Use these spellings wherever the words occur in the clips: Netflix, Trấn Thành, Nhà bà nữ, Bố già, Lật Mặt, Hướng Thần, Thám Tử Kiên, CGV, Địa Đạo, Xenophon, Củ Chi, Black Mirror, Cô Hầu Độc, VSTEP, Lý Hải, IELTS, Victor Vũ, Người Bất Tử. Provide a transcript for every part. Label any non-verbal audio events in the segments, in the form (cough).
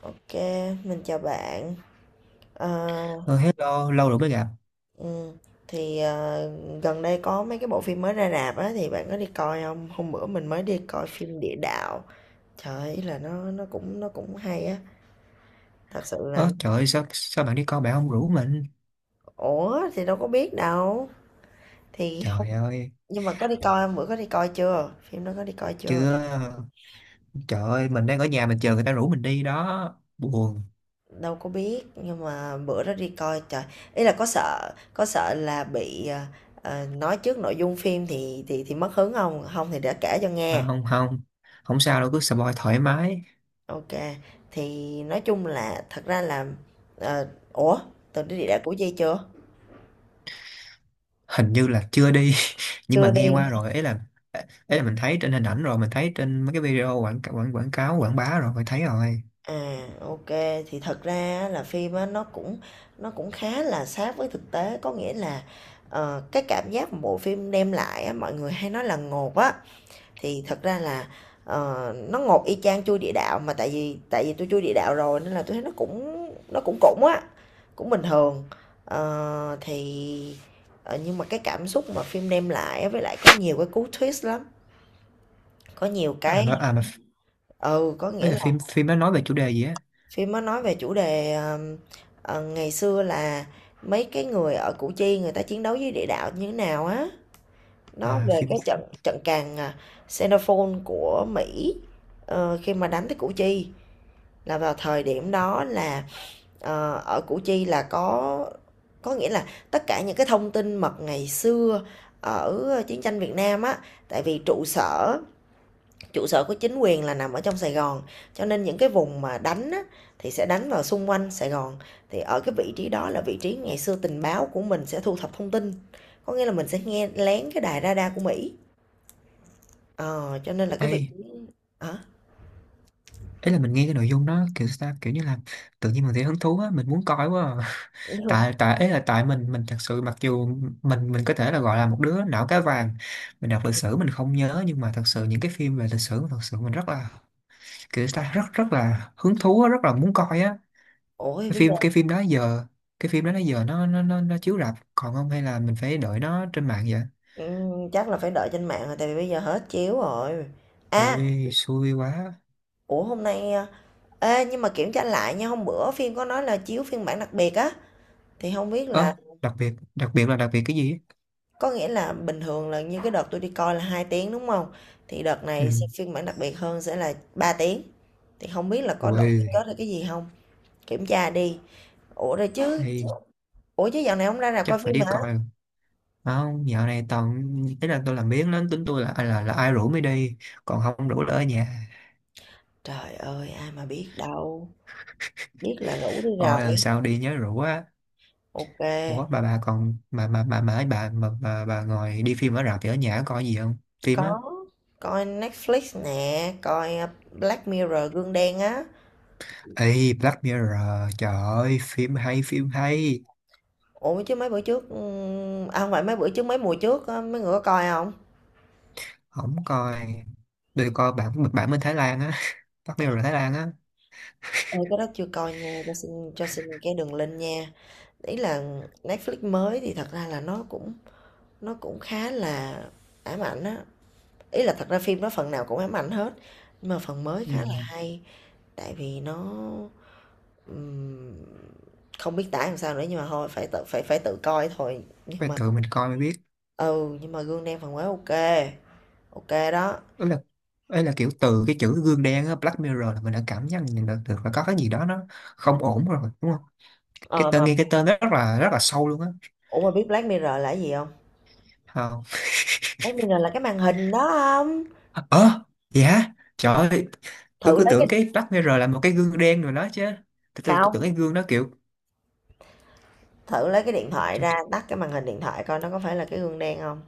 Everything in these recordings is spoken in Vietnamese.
Ok, mình chào bạn. Ờ, Ờ, hello, lâu rồi mới gặp. ừ, thì gần đây có mấy cái bộ phim mới ra rạp á thì bạn có đi coi không? Hôm bữa mình mới đi coi phim Địa Đạo. Trời ơi, ý là nó cũng hay á. Thật sự là. Ơ trời ơi, sao bạn đi coi bạn không rủ mình? Ủa thì đâu có biết đâu. Thì không. Trời ơi, Nhưng mà có đi coi không? Bữa có đi coi chưa? Phim đó có đi coi chưa? chưa. Trời ơi, mình đang ở nhà mình chờ người ta rủ mình đi đó. Buồn. Đâu có biết nhưng mà bữa đó đi coi trời. Ý là có sợ là bị nói trước nội dung phim thì mất hứng không? Không thì để kể cho nghe. À, không, không. Không sao đâu, cứ spoil thoải mái. OK, thì nói chung là thật ra là ờ, ủa, Tường đi địa đạo Củ Chi chưa? Hình như là chưa đi. (laughs) Nhưng mà Chưa nghe đi. qua rồi, ấy là mình thấy trên hình ảnh rồi, mình thấy trên mấy cái video quảng quảng quảng cáo, quảng bá rồi, mình thấy rồi. À, ok, thì thật ra á, là phim á nó cũng khá là sát với thực tế có nghĩa là cái cảm giác mà bộ phim đem lại á, mọi người hay nói là ngột á. Thì thật ra là, nó ngột y chang chui địa đạo, mà tại vì tôi chui địa đạo rồi nên là tôi thấy nó cũng cũng á, cũng bình thường. Thì, nhưng mà cái cảm xúc mà phim đem lại với lại có nhiều cái cú twist lắm, có nhiều À cái. mà, à, mà Ừ, có mấy nghĩa là là phim phim nó nói về chủ đề gì á? phim nó nói về chủ đề, ngày xưa là mấy cái người ở Củ Chi người ta chiến đấu với địa đạo như thế nào á. Nó À về phim cái trận trận càn, Xenophon của Mỹ, khi mà đánh tới Củ Chi. Là vào thời điểm đó là, ở Củ Chi là có nghĩa là tất cả những cái thông tin mật ngày xưa ở chiến tranh Việt Nam á, tại vì trụ sở, trụ sở của chính quyền là nằm ở trong Sài Gòn, cho nên những cái vùng mà đánh á, thì sẽ đánh vào xung quanh Sài Gòn. Thì ở cái vị trí đó là vị trí ngày xưa tình báo của mình sẽ thu thập thông tin, có nghĩa là mình sẽ nghe lén cái đài radar của Mỹ. Ờ, cho nên là cái vị ấy. trí, hả? Ý là mình nghe cái nội dung đó kiểu sao ta, kiểu như là tự nhiên mình thấy hứng thú á, mình muốn coi quá à. (laughs) tại tại ấy là tại mình thật sự, mặc dù mình có thể là gọi là một đứa não cá vàng, mình đọc lịch sử mình không nhớ, nhưng mà thật sự những cái phim về lịch sử thật sự mình rất là kiểu sao ta, rất rất là hứng thú á, rất là muốn coi á. Ủa, cái bây giờ. phim cái phim đó giờ, cái phim đó đó giờ nó chiếu rạp còn không, hay là mình phải đợi nó trên mạng vậy? Chắc là phải đợi trên mạng rồi tại vì bây giờ hết chiếu rồi. Ui À, xui quá. ủa hôm nay à, ê nhưng mà kiểm tra lại nha, hôm bữa phim có nói là chiếu phiên bản đặc biệt á thì không biết là, Ơ đặc biệt là đặc biệt cái gì? có nghĩa là bình thường là như cái đợt tôi đi coi là 2 tiếng đúng không? Thì đợt Ừ. này sẽ phiên bản đặc biệt hơn sẽ là 3 tiếng. Thì không biết là có đổi cái kết Ui. hay cái gì không? Kiểm tra đi. Ủa rồi chứ, Hay. ủa chứ dạo này không ra rạp Chắc coi phải phim đi hả? coi. Không, dạo này toàn, ý là tôi làm biếng lắm, tính tôi là à, là là ai rủ mới đi, còn không rủ là ở nhà. Trời ơi, ai mà biết đâu. Biết là rủ đi Rồi lần rồi. sau đi nhớ rủ á. Ok. Ủa bà còn mà ấy bà mà bà ngồi đi phim ở rạp thì ở nhà có coi gì không? Phim á? Có, coi Netflix nè, coi Black Mirror gương đen á. Ê Black Mirror, trời ơi phim hay phim hay. Ủa chứ mấy bữa trước, à không phải mấy bữa trước, mấy mùa trước á, mấy người có coi không? Không coi. Tôi coi bản bản bên Thái Lan á. (laughs) Black Trời Mirror Thái Lan á. ơi, cái đó chưa coi nha, cho xin cái đường link nha. Ý là Netflix mới thì thật ra là nó cũng khá là ám ảnh á. Ý là thật ra phim đó phần nào cũng ám ảnh hết, nhưng mà phần mới Ừ. khá là hay. Tại vì nó, ừm, không biết tả làm sao nữa nhưng mà thôi phải tự coi thôi nhưng Phải mà. tự mình coi mới biết. Ừ, nhưng mà gương đen phản quang ok. Ok đó. Ấy là ấy là kiểu từ cái chữ gương đen á, Black Mirror là mình đã cảm nhận được được là có cái gì đó nó không ổn rồi đúng không? Cái Ờ mà tên nghe, cái tên rất là sâu luôn á. Ủa mà biết Black Mirror là cái gì không? Ờ. Black Mirror là cái màn hình đó không? Dạ. Ờ. Dạ. Trời ơi, tôi Thử cứ lấy cái tưởng điện- cái Black Mirror là một cái gương đen rồi đó chứ. Tôi tưởng cái Không, gương đó kiểu. thử lấy cái điện thoại Trời, ra, tắt cái màn hình điện thoại coi nó có phải là cái gương đen không.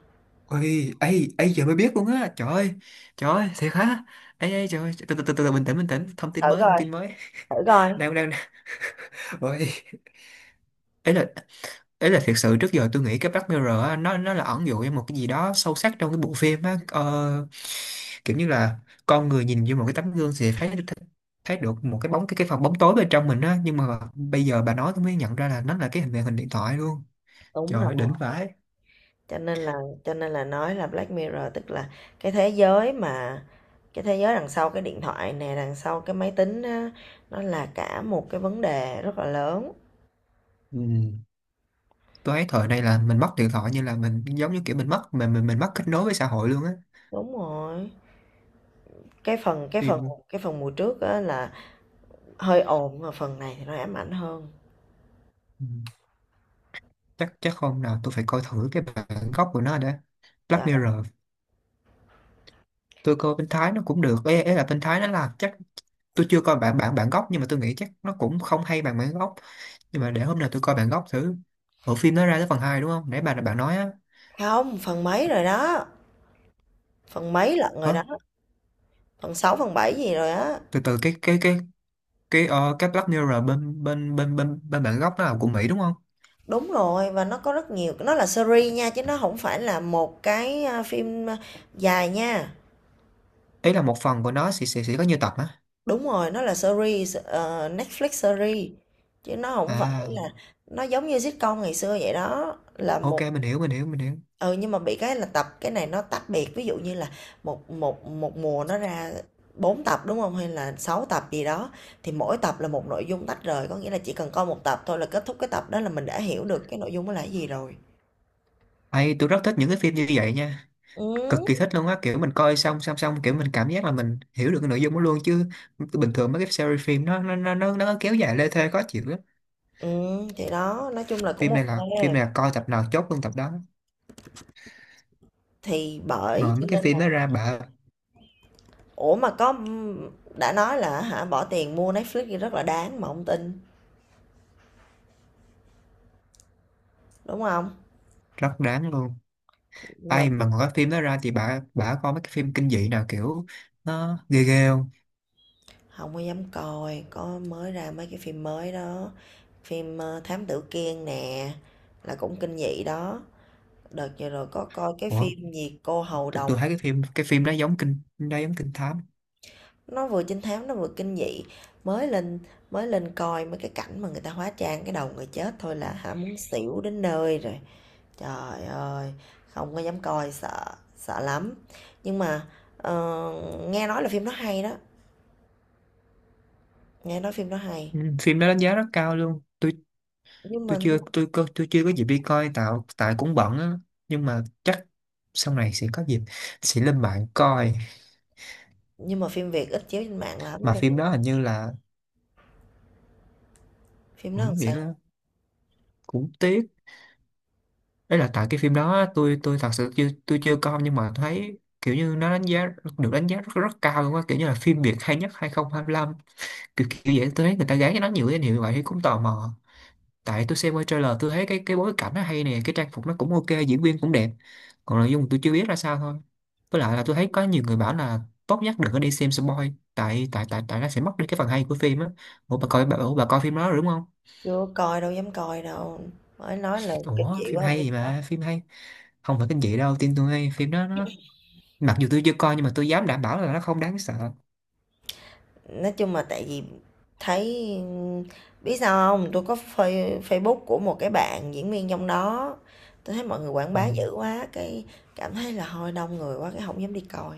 ôi ấy ấy giờ mới biết luôn á, trời ơi. Trời ơi thiệt hả. Ấy ấy trời ơi, từ từ, bình tĩnh bình tĩnh, thông Thử tin mới thông coi, tin mới. thử coi. (laughs) đang đang đang. (laughs) Ôi, ấy là, đấy là thiệt sự trước giờ tôi nghĩ cái Black Mirror á, nó là ẩn dụ em một cái gì đó sâu sắc trong cái bộ phim á, kiểu như là con người nhìn vô một cái tấm gương thì thấy, thấy được một cái bóng, cái phần bóng tối bên trong mình á, nhưng mà bây giờ bà nói tôi mới nhận ra là nó là cái hình màn hình điện thoại luôn. Đúng Trời rồi. ơi, đỉnh vãi. Cho nên là, cho nên là nói là Black Mirror tức là cái thế giới mà cái thế giới đằng sau cái điện thoại nè, đằng sau cái máy tính á, nó là cả một cái vấn đề rất là lớn. Ừ. Tôi thấy thời này là mình mất điện thoại như là mình, giống như kiểu mình mất, mình mất kết nối với xã hội luôn á. Đúng rồi. Cái phần cái phần Phim. cái phần mùa trước á là hơi ồn mà phần này thì nó ám ảnh hơn. Ừ. chắc chắc hôm nào tôi phải coi thử cái bản gốc của nó đã. Black Chà, Mirror. Tôi coi bên Thái nó cũng được, ấy là bên Thái nó là chắc, tôi chưa coi bản bản bản gốc, nhưng mà tôi nghĩ chắc nó cũng không hay bằng bản gốc, nhưng mà để hôm nào tôi coi bản gốc thử. Bộ phim nó ra tới phần 2 đúng không nãy bạn bạn nói á? không, phần mấy rồi đó, phần mấy lận Hả? rồi đó, phần 6 phần 7 gì rồi á. Từ từ cái cái Black Mirror bên bên bên bên bên bản gốc nó là của Mỹ đúng không? Đúng rồi, và nó có rất nhiều, nó là series nha, chứ nó không phải là một cái, a, phim, a, dài nha. Ý là một phần của nó sẽ có nhiều tập á. Đúng rồi, nó là series, Netflix series, chứ nó không phải À là, nó giống như sitcom ngày xưa vậy đó, là ok, một. mình hiểu mình hiểu mình hiểu. Ừ, nhưng mà bị cái là tập cái này nó tách biệt, ví dụ như là một một một mùa nó ra 4 tập, đúng không? Hay là 6 tập gì đó, thì mỗi tập là một nội dung tách rời, có nghĩa là chỉ cần coi một tập thôi là kết thúc cái tập đó là mình đã hiểu được cái nội dung đó là cái gì rồi. Ây, tôi rất thích những cái phim như vậy nha, cực Ừm, kỳ thích luôn á, kiểu mình coi xong xong xong, kiểu mình cảm giác là mình hiểu được cái nội dung đó luôn, chứ bình thường mấy cái series phim nó kéo dài lê thê khó chịu lắm. Thì đó, nói chung là cũng phim này ô. là phim này là coi tập nào chốt luôn tập đó. Thì bởi Ngồi cho mấy cái nên phim là, đó ra bà. ủa, mà có, đã nói là hả bỏ tiền mua Netflix thì rất là đáng mà hông tin, đúng không? Rất đáng luôn. Nhưng mà Ai mà ngồi cái phim đó ra thì bà coi mấy cái phim kinh dị nào kiểu nó ghê ghê không? hông có dám coi, có mới ra mấy cái phim mới đó. Phim, Thám Tử Kiên nè, là cũng kinh dị đó. Đợt vừa rồi có coi cái Ủa, phim gì Cô Hầu tôi, Độc, tôi thấy cái phim đó giống kinh thám. nó vừa trinh thám nó vừa kinh dị. Mới lên mới lên coi mấy cái cảnh mà người ta hóa trang cái đầu người chết thôi là hả muốn xỉu đến nơi rồi. Trời ơi, không có dám coi sợ, sợ lắm. Nhưng mà ờ, nghe nói là phim nó hay đó, nghe nói phim nó hay. Ừ, phim đó đánh giá rất cao luôn. Nhưng tôi mà chưa tôi có tôi chưa có dịp đi coi tại cũng bận á, nhưng mà chắc sau này sẽ có dịp, sẽ lên mạng coi. nhưng mà phim Việt ít chiếu trên mạng lắm Mà cho phim nên đó hình như là phim nó cũng làm sao. miễn là cũng tiếc, đấy là tại cái phim đó á, tôi thật sự chưa coi, nhưng mà thấy kiểu như nó đánh giá, được đánh giá rất rất cao luôn á, kiểu như là phim Việt hay nhất 2025, kiểu kiểu vậy. Tôi thấy người ta gán cho nó nhiều danh hiệu như vậy thì cũng tò mò, tại tôi xem qua trailer tôi thấy cái bối cảnh nó hay nè, cái trang phục nó cũng ok, diễn viên cũng đẹp, còn nội dung tôi chưa biết ra sao thôi. Với lại là tôi thấy có nhiều người bảo là tốt nhất đừng có đi xem spoil, tại tại tại tại nó sẽ mất đi cái phần hay của phim á. Ủa bà coi phim đó rồi đúng không? Chưa coi đâu dám coi đâu. Mới nói là kinh Ủa dị phim quá không hay dám gì coi. mà phim hay, không phải kinh dị đâu tin tôi, hay phim đó nó, mặc dù tôi chưa coi nhưng mà tôi dám đảm bảo là nó không đáng sợ. Nói chung là tại vì thấy, biết sao không? Tôi có Facebook của một cái bạn diễn viên trong đó. Tôi thấy mọi người quảng Ừ. bá dữ quá, cái cảm thấy là hơi đông người quá cái không dám đi coi.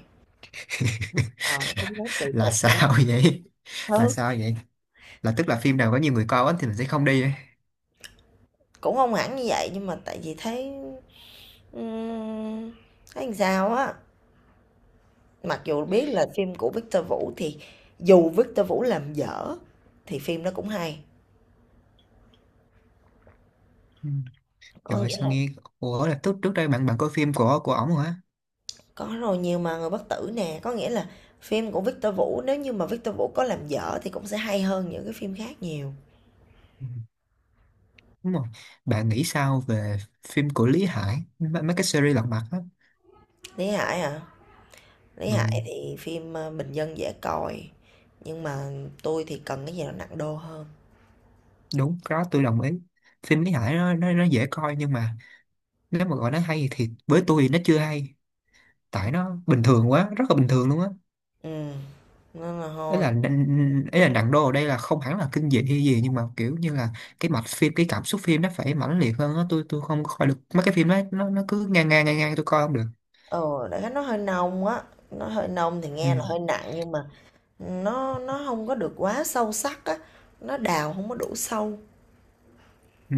(laughs) Ờ, không dám kỳ Là cục nữa. sao vậy? Là Ừ. sao vậy? Là tức là phim nào có nhiều người coi quá thì mình sẽ không đi ấy. Cũng không hẳn như vậy nhưng mà tại vì thấy, ừm, thấy làm sao á. Mặc dù biết là phim của Victor Vũ thì dù Victor Vũ làm dở thì phim nó cũng hay. Có Trời nghĩa. sao nghe. Ủa là trước trước đây bạn bạn coi phim của ổng rồi hả? Có rồi, nhiều mà, Người Bất Tử nè, có nghĩa là phim của Victor Vũ nếu như mà Victor Vũ có làm dở thì cũng sẽ hay hơn những cái phim khác nhiều. Ừ. Đúng rồi. Bạn nghĩ sao về phim của Lý Hải mấy, cái series lật mặt á? Lý Hải hả? Lý Ừ, Hải thì phim bình dân dễ coi, nhưng mà tôi thì cần cái gì nó nặng đô hơn. đúng, cái đó tôi đồng ý. Phim Lý Hải nó dễ coi nhưng mà, nếu mà gọi nó hay thì với tôi thì nó chưa hay. Tại nó bình thường quá, rất là bình thường luôn á. Ừ, nên là Ấy là thôi. ấy là nặng đô ở đây là không hẳn là kinh dị hay gì, nhưng mà kiểu như là cái mạch phim, cái cảm xúc phim nó phải mãnh liệt hơn á. Tôi không coi được mấy cái phim đó, nó cứ ngang ngang ngang ngang, tôi coi không được. Ờ, Đại khái nó hơi nông á, nó hơi nông thì Ừ. nghe là hơi nặng nhưng mà nó không có được quá sâu sắc á, nó đào không có đủ sâu. Ừ.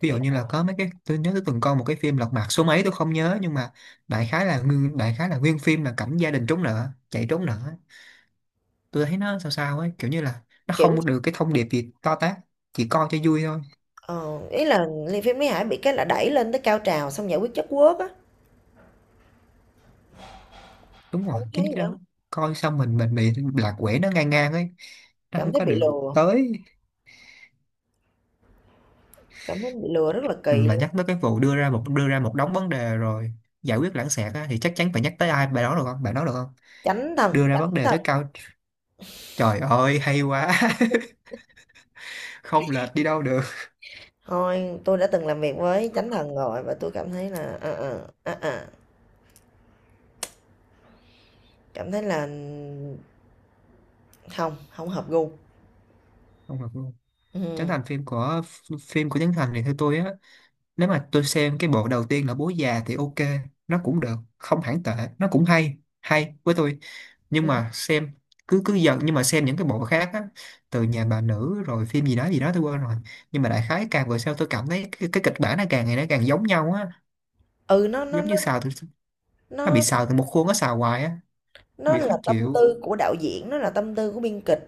Ví dụ Thì như là có mấy cái tôi nhớ tôi từng coi một cái phim Lật Mặt số mấy tôi không nhớ, nhưng mà đại khái là nguyên phim là cảnh gia đình trốn nợ chạy trốn nợ. Tôi thấy nó sao sao ấy, kiểu như là nó kiểu, không được cái thông điệp gì to tát, chỉ coi cho vui thôi. ờ, ý là phim Lý Hải bị cái là đẩy lên tới cao trào xong giải quyết chất quốc á. Đúng rồi Không thấy chính vậy cái không? đó. Coi xong mình bị lạc quẻ, nó ngang ngang ấy, nó Cảm không thấy có bị được lừa. tới. Cảm thấy bị lừa rất là kỳ Mà luôn. nhắc tới cái vụ đưa ra một đống vấn đề rồi giải quyết lãng xẹt á, thì chắc chắn phải nhắc tới ai, bạn nói được không bạn nói được không? Chánh thần, Đưa ra chánh vấn đề thần. tới cao, trời ơi hay quá. (laughs) Không lệch đi đâu được. Thôi, tôi đã từng làm việc với chánh thần rồi và tôi cảm thấy là cảm thấy là không, không hợp gu. Không hợp. Ừ. Trấn Thành, phim của, phim của Trấn Thành thì theo tôi á, nếu mà tôi xem cái bộ đầu tiên là Bố Già thì ok, nó cũng được không hẳn tệ, nó cũng hay hay với tôi. Nhưng Ừ. mà xem, cứ cứ dần, nhưng mà xem những cái bộ khác á, từ Nhà Bà Nữ rồi phim gì đó tôi quên rồi, nhưng mà đại khái càng về sau tôi cảm thấy cái kịch bản nó càng ngày nó càng giống nhau á. Ừ, Giống như xào từ, nó bị nó xào từ một khuôn, nó xào hoài á, nó bị khó là tâm chịu. tư của đạo diễn, nó là tâm tư của biên kịch.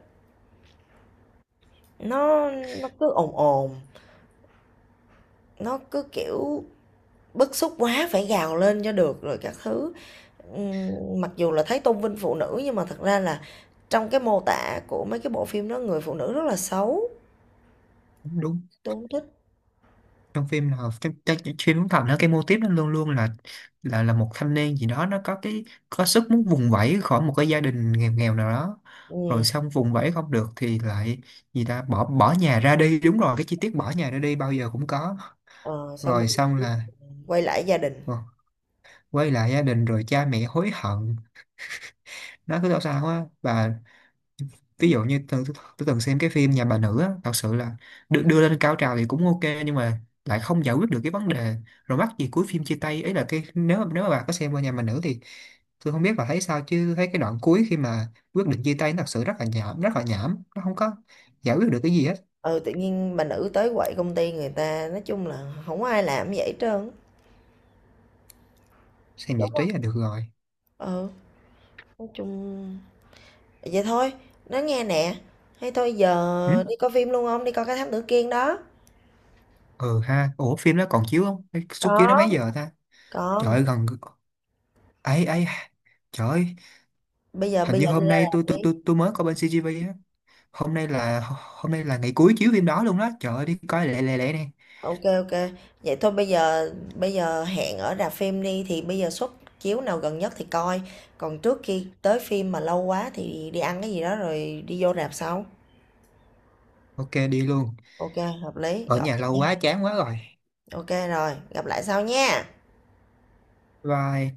Nó cứ ồn ồn, nó cứ kiểu. Bức xúc quá phải gào lên cho được rồi các thứ. Mặc dù là thấy tôn vinh phụ nữ nhưng mà thật ra là trong cái mô tả của mấy cái bộ phim đó người phụ nữ rất là xấu, Đúng. tôi không thích. Trong phim là trong, trong, trong phim Hướng Thần nó, cái mô típ nó luôn luôn là là một thanh niên gì đó, nó có cái có sức muốn vùng vẫy khỏi một cái gia đình nghèo nghèo nào đó, rồi Ừm, xong vùng vẫy không được thì lại gì ta, bỏ bỏ nhà ra đi. Đúng rồi, cái chi tiết bỏ nhà ra đi bao giờ cũng có, ờ, Xong rồi rồi xong là, quay lại gia đình. ờ, quay lại gia đình, rồi cha mẹ hối hận, nó cứ sao sao á. Và ví dụ như tôi từng xem cái phim Nhà Bà Nữ á, thật sự là được đưa lên cao trào thì cũng ok, nhưng mà lại không giải quyết được cái vấn đề, rồi mắc gì cuối phim chia tay. Ấy là cái, nếu nếu mà bà có xem qua Nhà Bà Nữ thì tôi không biết bà thấy sao, chứ thấy cái đoạn cuối khi mà quyết định chia tay nó thật sự rất là nhảm rất là nhảm, nó không có giải quyết được cái gì hết. Ừ, tự nhiên bà nữ tới quậy công ty người ta, nói chung là không có ai làm như vậy hết trơn. Xem Đúng giải không? trí là được rồi. Ừ, nói chung vậy thôi, nói nghe nè, hay thôi Ừ. giờ đi coi phim luôn không? Đi coi cái Thám Tử Kiên đó. Ừ ha, ủa phim nó còn chiếu không? Cái suất chiếu nó Có, mấy giờ ta? Trời còn ơi gần, ấy ấy trời ơi. bây giờ Hình bây giờ như đi hôm ra nay rạp tôi đi. tôi tôi tôi mới có bên CGV á. Hôm nay là ngày cuối chiếu phim đó luôn đó, trời ơi đi coi lẹ lẹ lẹ nè. OK, OK. Vậy thôi bây giờ hẹn ở rạp phim đi thì bây giờ suất chiếu nào gần nhất thì coi. Còn trước khi tới phim mà lâu quá thì đi ăn cái gì đó rồi đi vô rạp sau. Ok đi luôn. OK, hợp lý. Ở Gọi nhà vậy lâu nha. quá chán quá rồi. OK rồi, gặp lại sau nha. Bye.